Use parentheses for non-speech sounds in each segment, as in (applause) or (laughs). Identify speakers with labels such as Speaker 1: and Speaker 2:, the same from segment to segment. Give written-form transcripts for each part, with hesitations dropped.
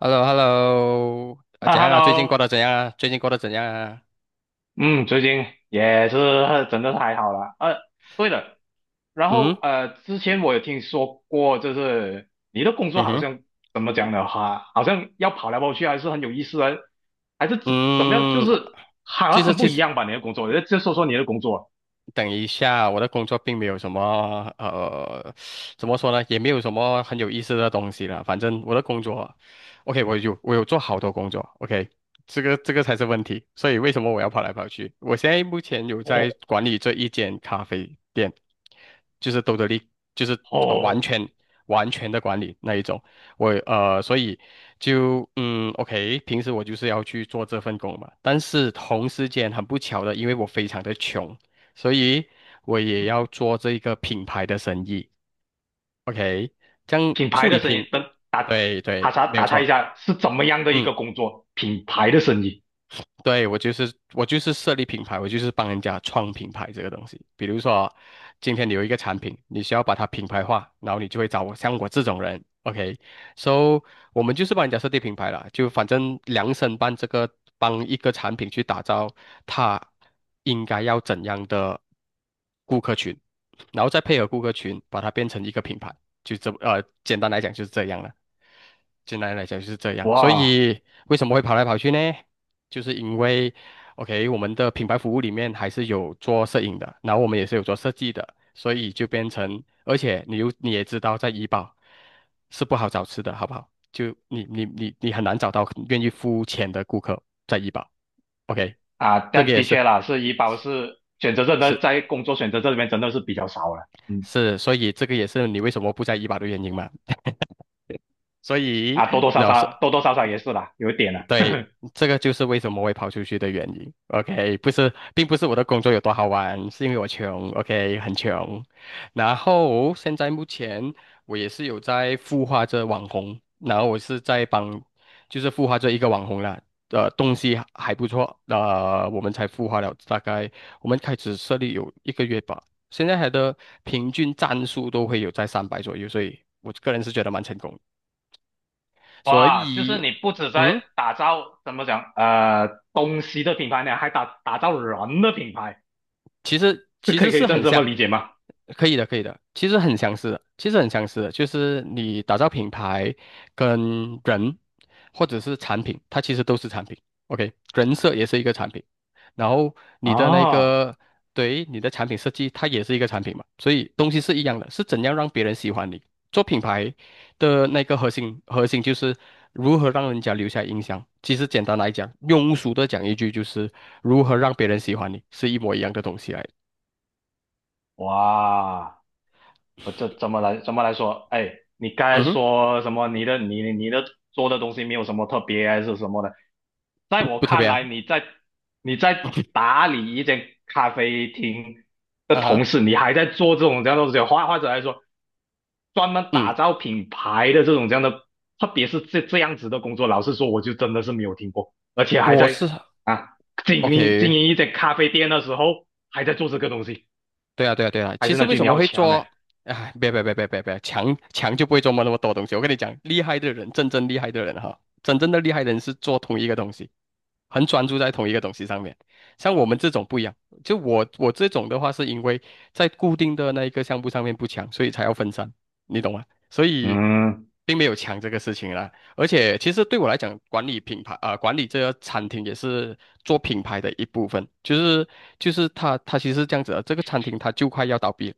Speaker 1: h e l l o h e l l o 啊，
Speaker 2: 啊
Speaker 1: 怎样啊？最近过
Speaker 2: ，Hello，
Speaker 1: 得怎样啊？最近过得怎样啊？
Speaker 2: 嗯，最近也是真的太好了。对了，然
Speaker 1: 嗯。
Speaker 2: 后之前我有听说过，就是你的工作
Speaker 1: 嗯
Speaker 2: 好
Speaker 1: 哼。
Speaker 2: 像怎么讲的话，好像要跑来跑去，还是很有意思的，还是怎么样，就
Speaker 1: 嗯。
Speaker 2: 是好
Speaker 1: 其
Speaker 2: 像
Speaker 1: 实
Speaker 2: 很不
Speaker 1: 其
Speaker 2: 一
Speaker 1: 实
Speaker 2: 样吧？你的工作，就说说你的工作。
Speaker 1: 等一下，我的工作并没有什么怎么说呢，也没有什么很有意思的东西了。反正我的工作，OK，我有做好多工作，OK，这个才是问题。所以为什么我要跑来跑去？我现在目前有在
Speaker 2: 哦
Speaker 1: 管理这一间咖啡店，就是兜得力，就是完
Speaker 2: 哦，
Speaker 1: 全的管理那一种。所以就OK，平时我就是要去做这份工嘛。但是同时间很不巧的，因为我非常的穷。所以我也要做这个品牌的生意。OK，这样
Speaker 2: 品牌
Speaker 1: 处
Speaker 2: 的
Speaker 1: 理
Speaker 2: 生意，
Speaker 1: 品，
Speaker 2: 等打
Speaker 1: 对
Speaker 2: 打
Speaker 1: 对，
Speaker 2: 岔
Speaker 1: 没有
Speaker 2: 打岔一
Speaker 1: 错。
Speaker 2: 下，是怎么样的一
Speaker 1: 嗯。
Speaker 2: 个工作？品牌的生意，
Speaker 1: 对，我就是设立品牌，我就是帮人家创品牌这个东西。比如说，今天你有一个产品，你需要把它品牌化，然后你就会找我像我这种人，OK？So 我们就是帮人家设计品牌了，就反正量身办这个，帮一个产品去打造它应该要怎样的顾客群，然后再配合顾客群，把它变成一个品牌，就简单来讲就是这样了。简单来讲就是这样，所
Speaker 2: 哇。
Speaker 1: 以为什么会跑来跑去呢？就是因为，OK，我们的品牌服务里面还是有做摄影的，然后我们也是有做设计的，所以就变成，而且你也知道，在怡保是不好找吃的，好不好？就你很难找到愿意付钱的顾客在怡保，OK，
Speaker 2: 啊，
Speaker 1: 这个
Speaker 2: 但
Speaker 1: 也
Speaker 2: 的
Speaker 1: 是
Speaker 2: 确啦，是医保是选择这的
Speaker 1: 是
Speaker 2: 在工作选择这里面真的是比较少了，嗯，
Speaker 1: 是，所以这个也是你为什么不在怡保的原因嘛。(laughs) 所以，
Speaker 2: 啊，多多少
Speaker 1: 那是
Speaker 2: 少多多少少也是啦，有一点了。
Speaker 1: 对，这个就是为什么会跑出去的原因。OK，不是，并不是我的工作有多好玩，是因为我穷。OK，很穷。然后现在目前我也是有在孵化着网红，然后我是在帮，就是孵化这一个网红啦。东西还不错，我们才孵化了大概，我们开始设立有一个月吧，现在还的平均赞数都会有在300左右，所以我个人是觉得蛮成功的
Speaker 2: (laughs)
Speaker 1: 所
Speaker 2: 哇，就是
Speaker 1: 以，
Speaker 2: 你不止在
Speaker 1: 嗯。
Speaker 2: 打造怎么讲东西的品牌呢，还打打造人的品牌，
Speaker 1: 其实
Speaker 2: 是
Speaker 1: 其
Speaker 2: 可
Speaker 1: 实
Speaker 2: 以可以
Speaker 1: 是
Speaker 2: 这样
Speaker 1: 很
Speaker 2: 这
Speaker 1: 像，
Speaker 2: 么理解吗？
Speaker 1: 可以的，可以的，其实很相似的，其实很相似的，就是你打造品牌跟人或者是产品，它其实都是产品。OK，人设也是一个产品，然后你的那
Speaker 2: 啊，
Speaker 1: 个对你的产品设计，它也是一个产品嘛，所以东西是一样的，是怎样让别人喜欢你。做品牌的那个核心就是如何让人家留下印象。其实简单来讲，庸俗的讲一句就是如何让别人喜欢你，是一模一样的东西来的。
Speaker 2: 哇，我这怎么来说？哎，你刚才
Speaker 1: 嗯哼，
Speaker 2: 说什么？你的你的做的东西没有什么特别还是什么的？在
Speaker 1: 不
Speaker 2: 我
Speaker 1: 不特别
Speaker 2: 看来，
Speaker 1: 啊，
Speaker 2: 你在打理一间咖啡厅的
Speaker 1: 啊
Speaker 2: 同
Speaker 1: 哈，
Speaker 2: 时，你还在做这种这样的东西，或者来说，专门打
Speaker 1: 嗯，
Speaker 2: 造品牌的这种这样的，特别是这这样子的工作，老实说，我就真的是没有听过，而且还
Speaker 1: 我
Speaker 2: 在
Speaker 1: 是
Speaker 2: 啊经营经
Speaker 1: OK，
Speaker 2: 营一间咖啡店的时候，还在做这个东西，
Speaker 1: 对啊，对啊，对啊。
Speaker 2: 还
Speaker 1: 其
Speaker 2: 是
Speaker 1: 实
Speaker 2: 那
Speaker 1: 为
Speaker 2: 句
Speaker 1: 什
Speaker 2: 你
Speaker 1: 么
Speaker 2: 好
Speaker 1: 会
Speaker 2: 强
Speaker 1: 做？
Speaker 2: 哎，
Speaker 1: 哎，别别别别别别，强就不会琢磨那么多东西。我跟你讲，厉害的人，真正厉害的人哈，真正的厉害的人是做同一个东西。很专注在同一个东西上面。像我们这种不一样，就我这种的话，是因为在固定的那一个项目上面不强，所以才要分散，你懂吗？所以
Speaker 2: 嗯，
Speaker 1: 并没有强这个事情啦。而且其实对我来讲，管理品牌啊、管理这个餐厅也是做品牌的一部分，就是就是它其实是这样子的，这个餐厅它就快要倒闭了。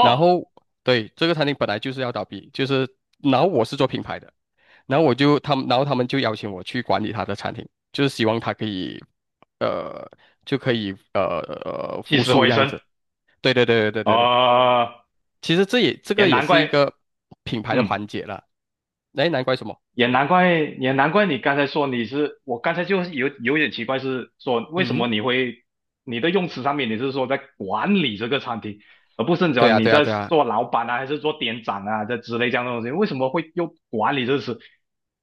Speaker 1: 然后对这个餐厅本来就是要倒闭，就是然后我是做品牌的，然后我就他们，然后他们就邀请我去管理他的餐厅，就是希望他可以，呃，就可以
Speaker 2: 起
Speaker 1: 复
Speaker 2: 死
Speaker 1: 苏
Speaker 2: 回
Speaker 1: 这样
Speaker 2: 生，
Speaker 1: 子。对对对对对对对，
Speaker 2: 哦，
Speaker 1: 其实这
Speaker 2: 也
Speaker 1: 个也
Speaker 2: 难
Speaker 1: 是一
Speaker 2: 怪，
Speaker 1: 个品牌的环
Speaker 2: 嗯。
Speaker 1: 节了。哎，难怪什么？
Speaker 2: 也难怪，也难怪你刚才说你是，我刚才就是有有点奇怪，是说为什
Speaker 1: 嗯，
Speaker 2: 么你会你的用词上面你是说在管理这个餐厅，而不是
Speaker 1: 对
Speaker 2: 讲
Speaker 1: 啊
Speaker 2: 你
Speaker 1: 对啊
Speaker 2: 在
Speaker 1: 对啊，
Speaker 2: 做老板啊，还是做店长啊这之类这样的东西，为什么会用管理这个词？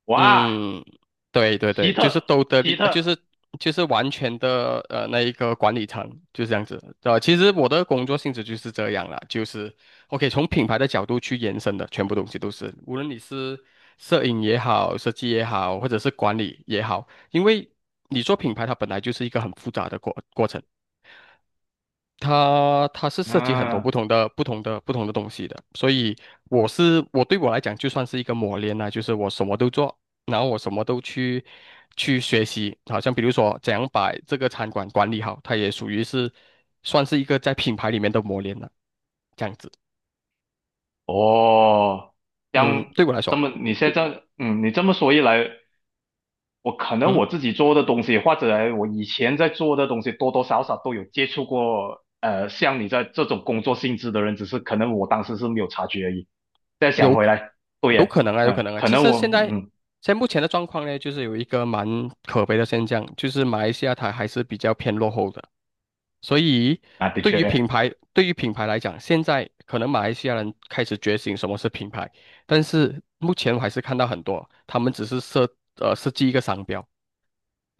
Speaker 2: 哇，
Speaker 1: 嗯，对对
Speaker 2: 奇
Speaker 1: 对，就是
Speaker 2: 特，
Speaker 1: 都得
Speaker 2: 奇
Speaker 1: 利，
Speaker 2: 特，
Speaker 1: 就是就是完全的那一个管理层就是这样子。其实我的工作性质就是这样啦，就是 OK 从品牌的角度去延伸的，全部东西都是，无论你是摄影也好，设计也好，或者是管理也好，因为你做品牌它本来就是一个很复杂的过程。它是涉及很多
Speaker 2: 嗯，
Speaker 1: 不同的东西的，所以我来讲就算是一个磨练啦，就是我什么都做，然后我什么都去学习，好像比如说怎样把这个餐馆管理好，它也属于是算是一个在品牌里面的磨练了，这样子。
Speaker 2: 哦，这
Speaker 1: 嗯，
Speaker 2: 样
Speaker 1: 对我来
Speaker 2: 这
Speaker 1: 说，
Speaker 2: 么你现在这样嗯，你这么说一来，我可能
Speaker 1: 嗯。
Speaker 2: 我自己做的东西，或者我以前在做的东西，多多少少都有接触过。像你在这种工作性质的人，只是可能我当时是没有察觉而已。再想
Speaker 1: 有
Speaker 2: 回
Speaker 1: 可
Speaker 2: 来，对
Speaker 1: 有
Speaker 2: 耶，
Speaker 1: 可能啊，有可
Speaker 2: 嗯，
Speaker 1: 能啊。
Speaker 2: 可
Speaker 1: 其
Speaker 2: 能
Speaker 1: 实
Speaker 2: 我，嗯，
Speaker 1: 现在目前的状况呢，就是有一个蛮可悲的现象，就是马来西亚它还是比较偏落后的。所以
Speaker 2: 啊，的
Speaker 1: 对于品
Speaker 2: 确，
Speaker 1: 牌，对于品牌来讲，现在可能马来西亚人开始觉醒什么是品牌，但是目前我还是看到很多，他们只是设计一个商标，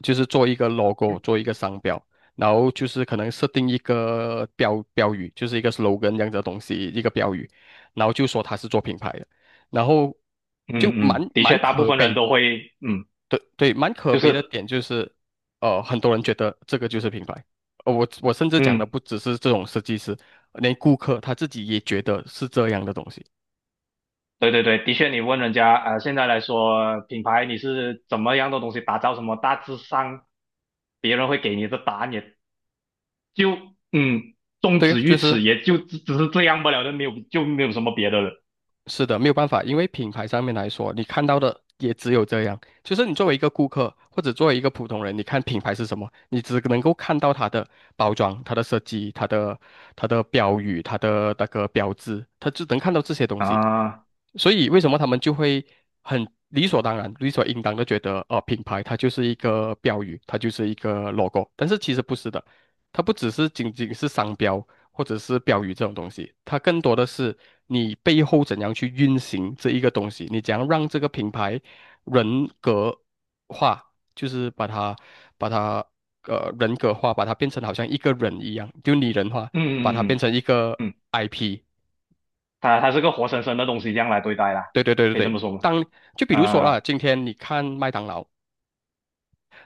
Speaker 1: 就是做一个 logo，做一个商标，然后就是可能设定一个标语，就是一个 slogan 这样子的东西，一个标语，然后就说他是做品牌的，然后
Speaker 2: 嗯
Speaker 1: 就蛮
Speaker 2: 嗯，的
Speaker 1: 蛮
Speaker 2: 确，大部
Speaker 1: 可
Speaker 2: 分人
Speaker 1: 悲，
Speaker 2: 都会，嗯，嗯
Speaker 1: 对对，蛮可
Speaker 2: 就
Speaker 1: 悲的
Speaker 2: 是，
Speaker 1: 点就是，很多人觉得这个就是品牌，我甚至讲的
Speaker 2: 嗯，
Speaker 1: 不只是这种设计师，连顾客他自己也觉得是这样的东西，
Speaker 2: 对对对，的确，你问人家，现在来说，品牌你是怎么样的东西打造，什么大致上，别人会给你的答案也就嗯，终
Speaker 1: 对，
Speaker 2: 止于
Speaker 1: 就是。
Speaker 2: 此，也就只是这样不了的，没有就没有什么别的了
Speaker 1: 是的，没有办法，因为品牌上面来说，你看到的也只有这样。就是你作为一个顾客，或者作为一个普通人，你看品牌是什么，你只能够看到它的包装、它的设计、它的标语、它的那个标志，它只能看到这些东西。
Speaker 2: 啊。
Speaker 1: 所以为什么他们就会很理所当然、理所应当的觉得，品牌它就是一个标语，它就是一个 logo，但是其实不是的，它不只是仅仅是商标或者是标语这种东西，它更多的是你背后怎样去运行这一个东西，你怎样让这个品牌人格化，就是把它人格化，把它变成好像一个人一样，就拟人化，把它
Speaker 2: 嗯
Speaker 1: 变
Speaker 2: 嗯
Speaker 1: 成一
Speaker 2: 嗯
Speaker 1: 个
Speaker 2: 嗯，嗯
Speaker 1: IP。
Speaker 2: 他它是个活生生的东西，这样来对待啦，
Speaker 1: 对对对对
Speaker 2: 可以这
Speaker 1: 对，
Speaker 2: 么说吗？
Speaker 1: 当就比如说啦，
Speaker 2: 啊
Speaker 1: 今天你看麦当劳，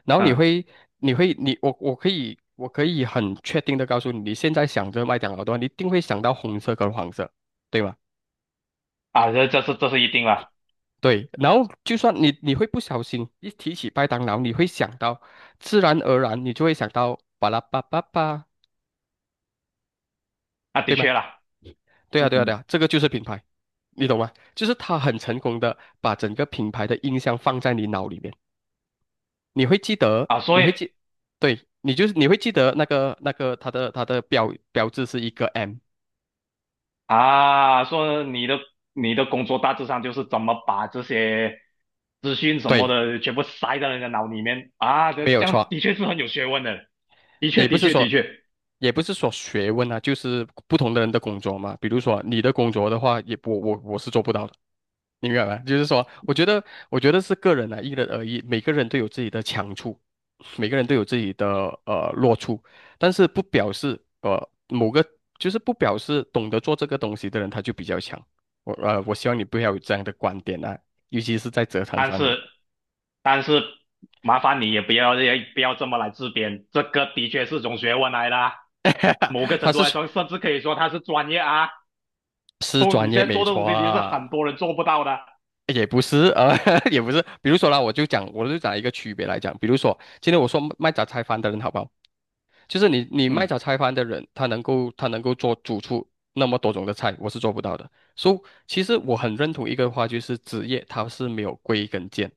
Speaker 1: 然后你
Speaker 2: 嗯
Speaker 1: 会你会你我我可以我可以很确定的告诉你，你现在想着麦当劳的话，你一定会想到红色跟黄色，对吗？
Speaker 2: 啊，这是一定啦，
Speaker 1: 对，然后就算你会不小心一提起麦当劳，你会想到，自然而然你就会想到巴拉巴巴巴，
Speaker 2: 啊的
Speaker 1: 对吗？
Speaker 2: 确啦，
Speaker 1: 对啊
Speaker 2: 嗯
Speaker 1: 对啊对
Speaker 2: 嗯
Speaker 1: 啊，这个就是品牌，你懂吗？就是他很成功的把整个品牌的印象放在你脑里面。你会记得，
Speaker 2: 啊，
Speaker 1: 你
Speaker 2: 所以
Speaker 1: 会记，对，你就是你会记得那个它的标志是一个 M，
Speaker 2: 啊，说你的你的工作大致上就是怎么把这些资讯什么
Speaker 1: 对，
Speaker 2: 的全部塞在人家脑里面啊，这
Speaker 1: 没有
Speaker 2: 这样
Speaker 1: 错。
Speaker 2: 的确是很有学问的，的确
Speaker 1: 也不
Speaker 2: 的
Speaker 1: 是
Speaker 2: 确的
Speaker 1: 说，
Speaker 2: 确。
Speaker 1: 也不是说学问啊，就是不同的人的工作嘛。比如说你的工作的话，也我是做不到的。你明白吗？就是说，我觉得，我觉得是个人啊，因人而异，每个人都有自己的强处，每个人都有自己的弱处，但是不表示呃某个就是不表示懂得做这个东西的人他就比较强。我希望你不要有这样的观点啊，尤其是在职场上面，
Speaker 2: 但是麻烦你也不要这么来自编，这个的确是种学问来的啊某个
Speaker 1: (laughs) 他
Speaker 2: 程度来
Speaker 1: 是
Speaker 2: 说，甚至可以说它是专业啊。
Speaker 1: 是
Speaker 2: 哦，你
Speaker 1: 专业
Speaker 2: 现在
Speaker 1: 没
Speaker 2: 做的
Speaker 1: 错
Speaker 2: 东西，你是很
Speaker 1: 啊。
Speaker 2: 多人做不到的。
Speaker 1: 也不是啊，(laughs) 也不是。比如说啦，我就讲一个区别来讲。比如说，今天我说卖杂菜饭的人好不好？就是你卖
Speaker 2: 嗯
Speaker 1: 炒菜饭的人，他能够做煮出那么多种的菜，我是做不到的。所以其实我很认同一个话，就是职业它是没有归跟键，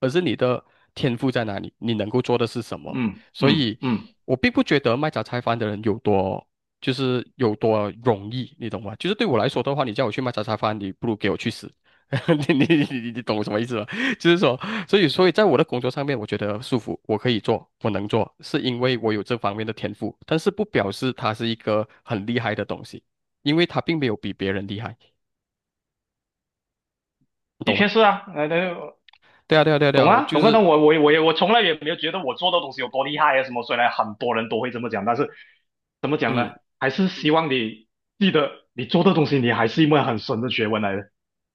Speaker 1: 而是你的天赋在哪里，你能够做的是什么。
Speaker 2: 嗯
Speaker 1: 所
Speaker 2: 嗯
Speaker 1: 以
Speaker 2: 嗯，
Speaker 1: 我并不觉得卖炒菜饭的人有多。就是有多容易，你懂吗？就是对我来说的话，你叫我去卖茶饭，你不如给我去死。(laughs) 你懂我什么意思吗？(laughs) 就是说，所以，所以在我的工作上面，我觉得舒服，我可以做，我能做，是因为我有这方面的天赋，但是不表示它是一个很厉害的东西，因为它并没有比别人厉害，你
Speaker 2: 的
Speaker 1: 懂吗？
Speaker 2: 确是啊，那
Speaker 1: 对啊，对啊，对啊，对
Speaker 2: 懂
Speaker 1: 啊，我
Speaker 2: 啊
Speaker 1: 就
Speaker 2: 懂啊。
Speaker 1: 是，
Speaker 2: 那我从来也没有觉得我做的东西有多厉害啊什么。虽然很多人都会这么讲，但是怎么讲呢？
Speaker 1: 嗯，
Speaker 2: 还是希望你记得，你做的东西，你还是一门很深的学问来的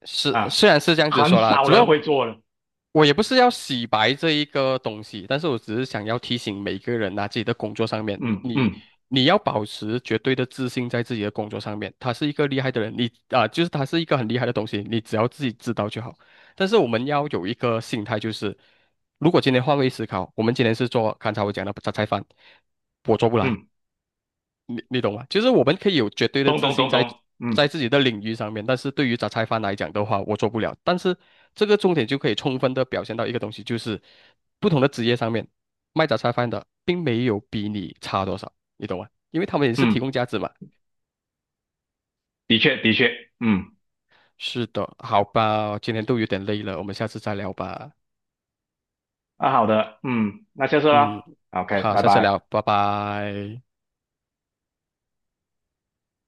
Speaker 1: 是
Speaker 2: 啊，
Speaker 1: 虽然是这样子
Speaker 2: 很
Speaker 1: 说啦，
Speaker 2: 少
Speaker 1: 只不
Speaker 2: 人
Speaker 1: 过
Speaker 2: 会做的。
Speaker 1: 我也不是要洗白这一个东西，但是我只是想要提醒每个人呐、自己的工作上面，
Speaker 2: 嗯嗯
Speaker 1: 你要保持绝对的自信在自己的工作上面。他是一个厉害的人，你啊、就是他是一个很厉害的东西，你只要自己知道就好。但是我们要有一个心态，就是如果今天换位思考，我们今天是做刚才我讲的榨菜饭，我做不来。
Speaker 2: 嗯。
Speaker 1: 你懂吗？就是我们可以有绝对的
Speaker 2: 咚
Speaker 1: 自
Speaker 2: 咚
Speaker 1: 信
Speaker 2: 咚
Speaker 1: 在
Speaker 2: 咚，嗯
Speaker 1: 自己的领域上面，但是对于杂菜饭来讲的话，我做不了。但是这个重点就可以充分的表现到一个东西，就是不同的职业上面卖杂菜饭的并没有比你差多少，你懂吗？因为他们也是提
Speaker 2: 嗯，
Speaker 1: 供价值嘛。
Speaker 2: 的确的确，嗯，
Speaker 1: 是的，好吧，今天都有点累了，我们下次再聊吧。
Speaker 2: 啊，好的，嗯，那下次啦
Speaker 1: 嗯，
Speaker 2: ，OK，
Speaker 1: 好，
Speaker 2: 拜
Speaker 1: 下次聊，
Speaker 2: 拜。
Speaker 1: 拜拜。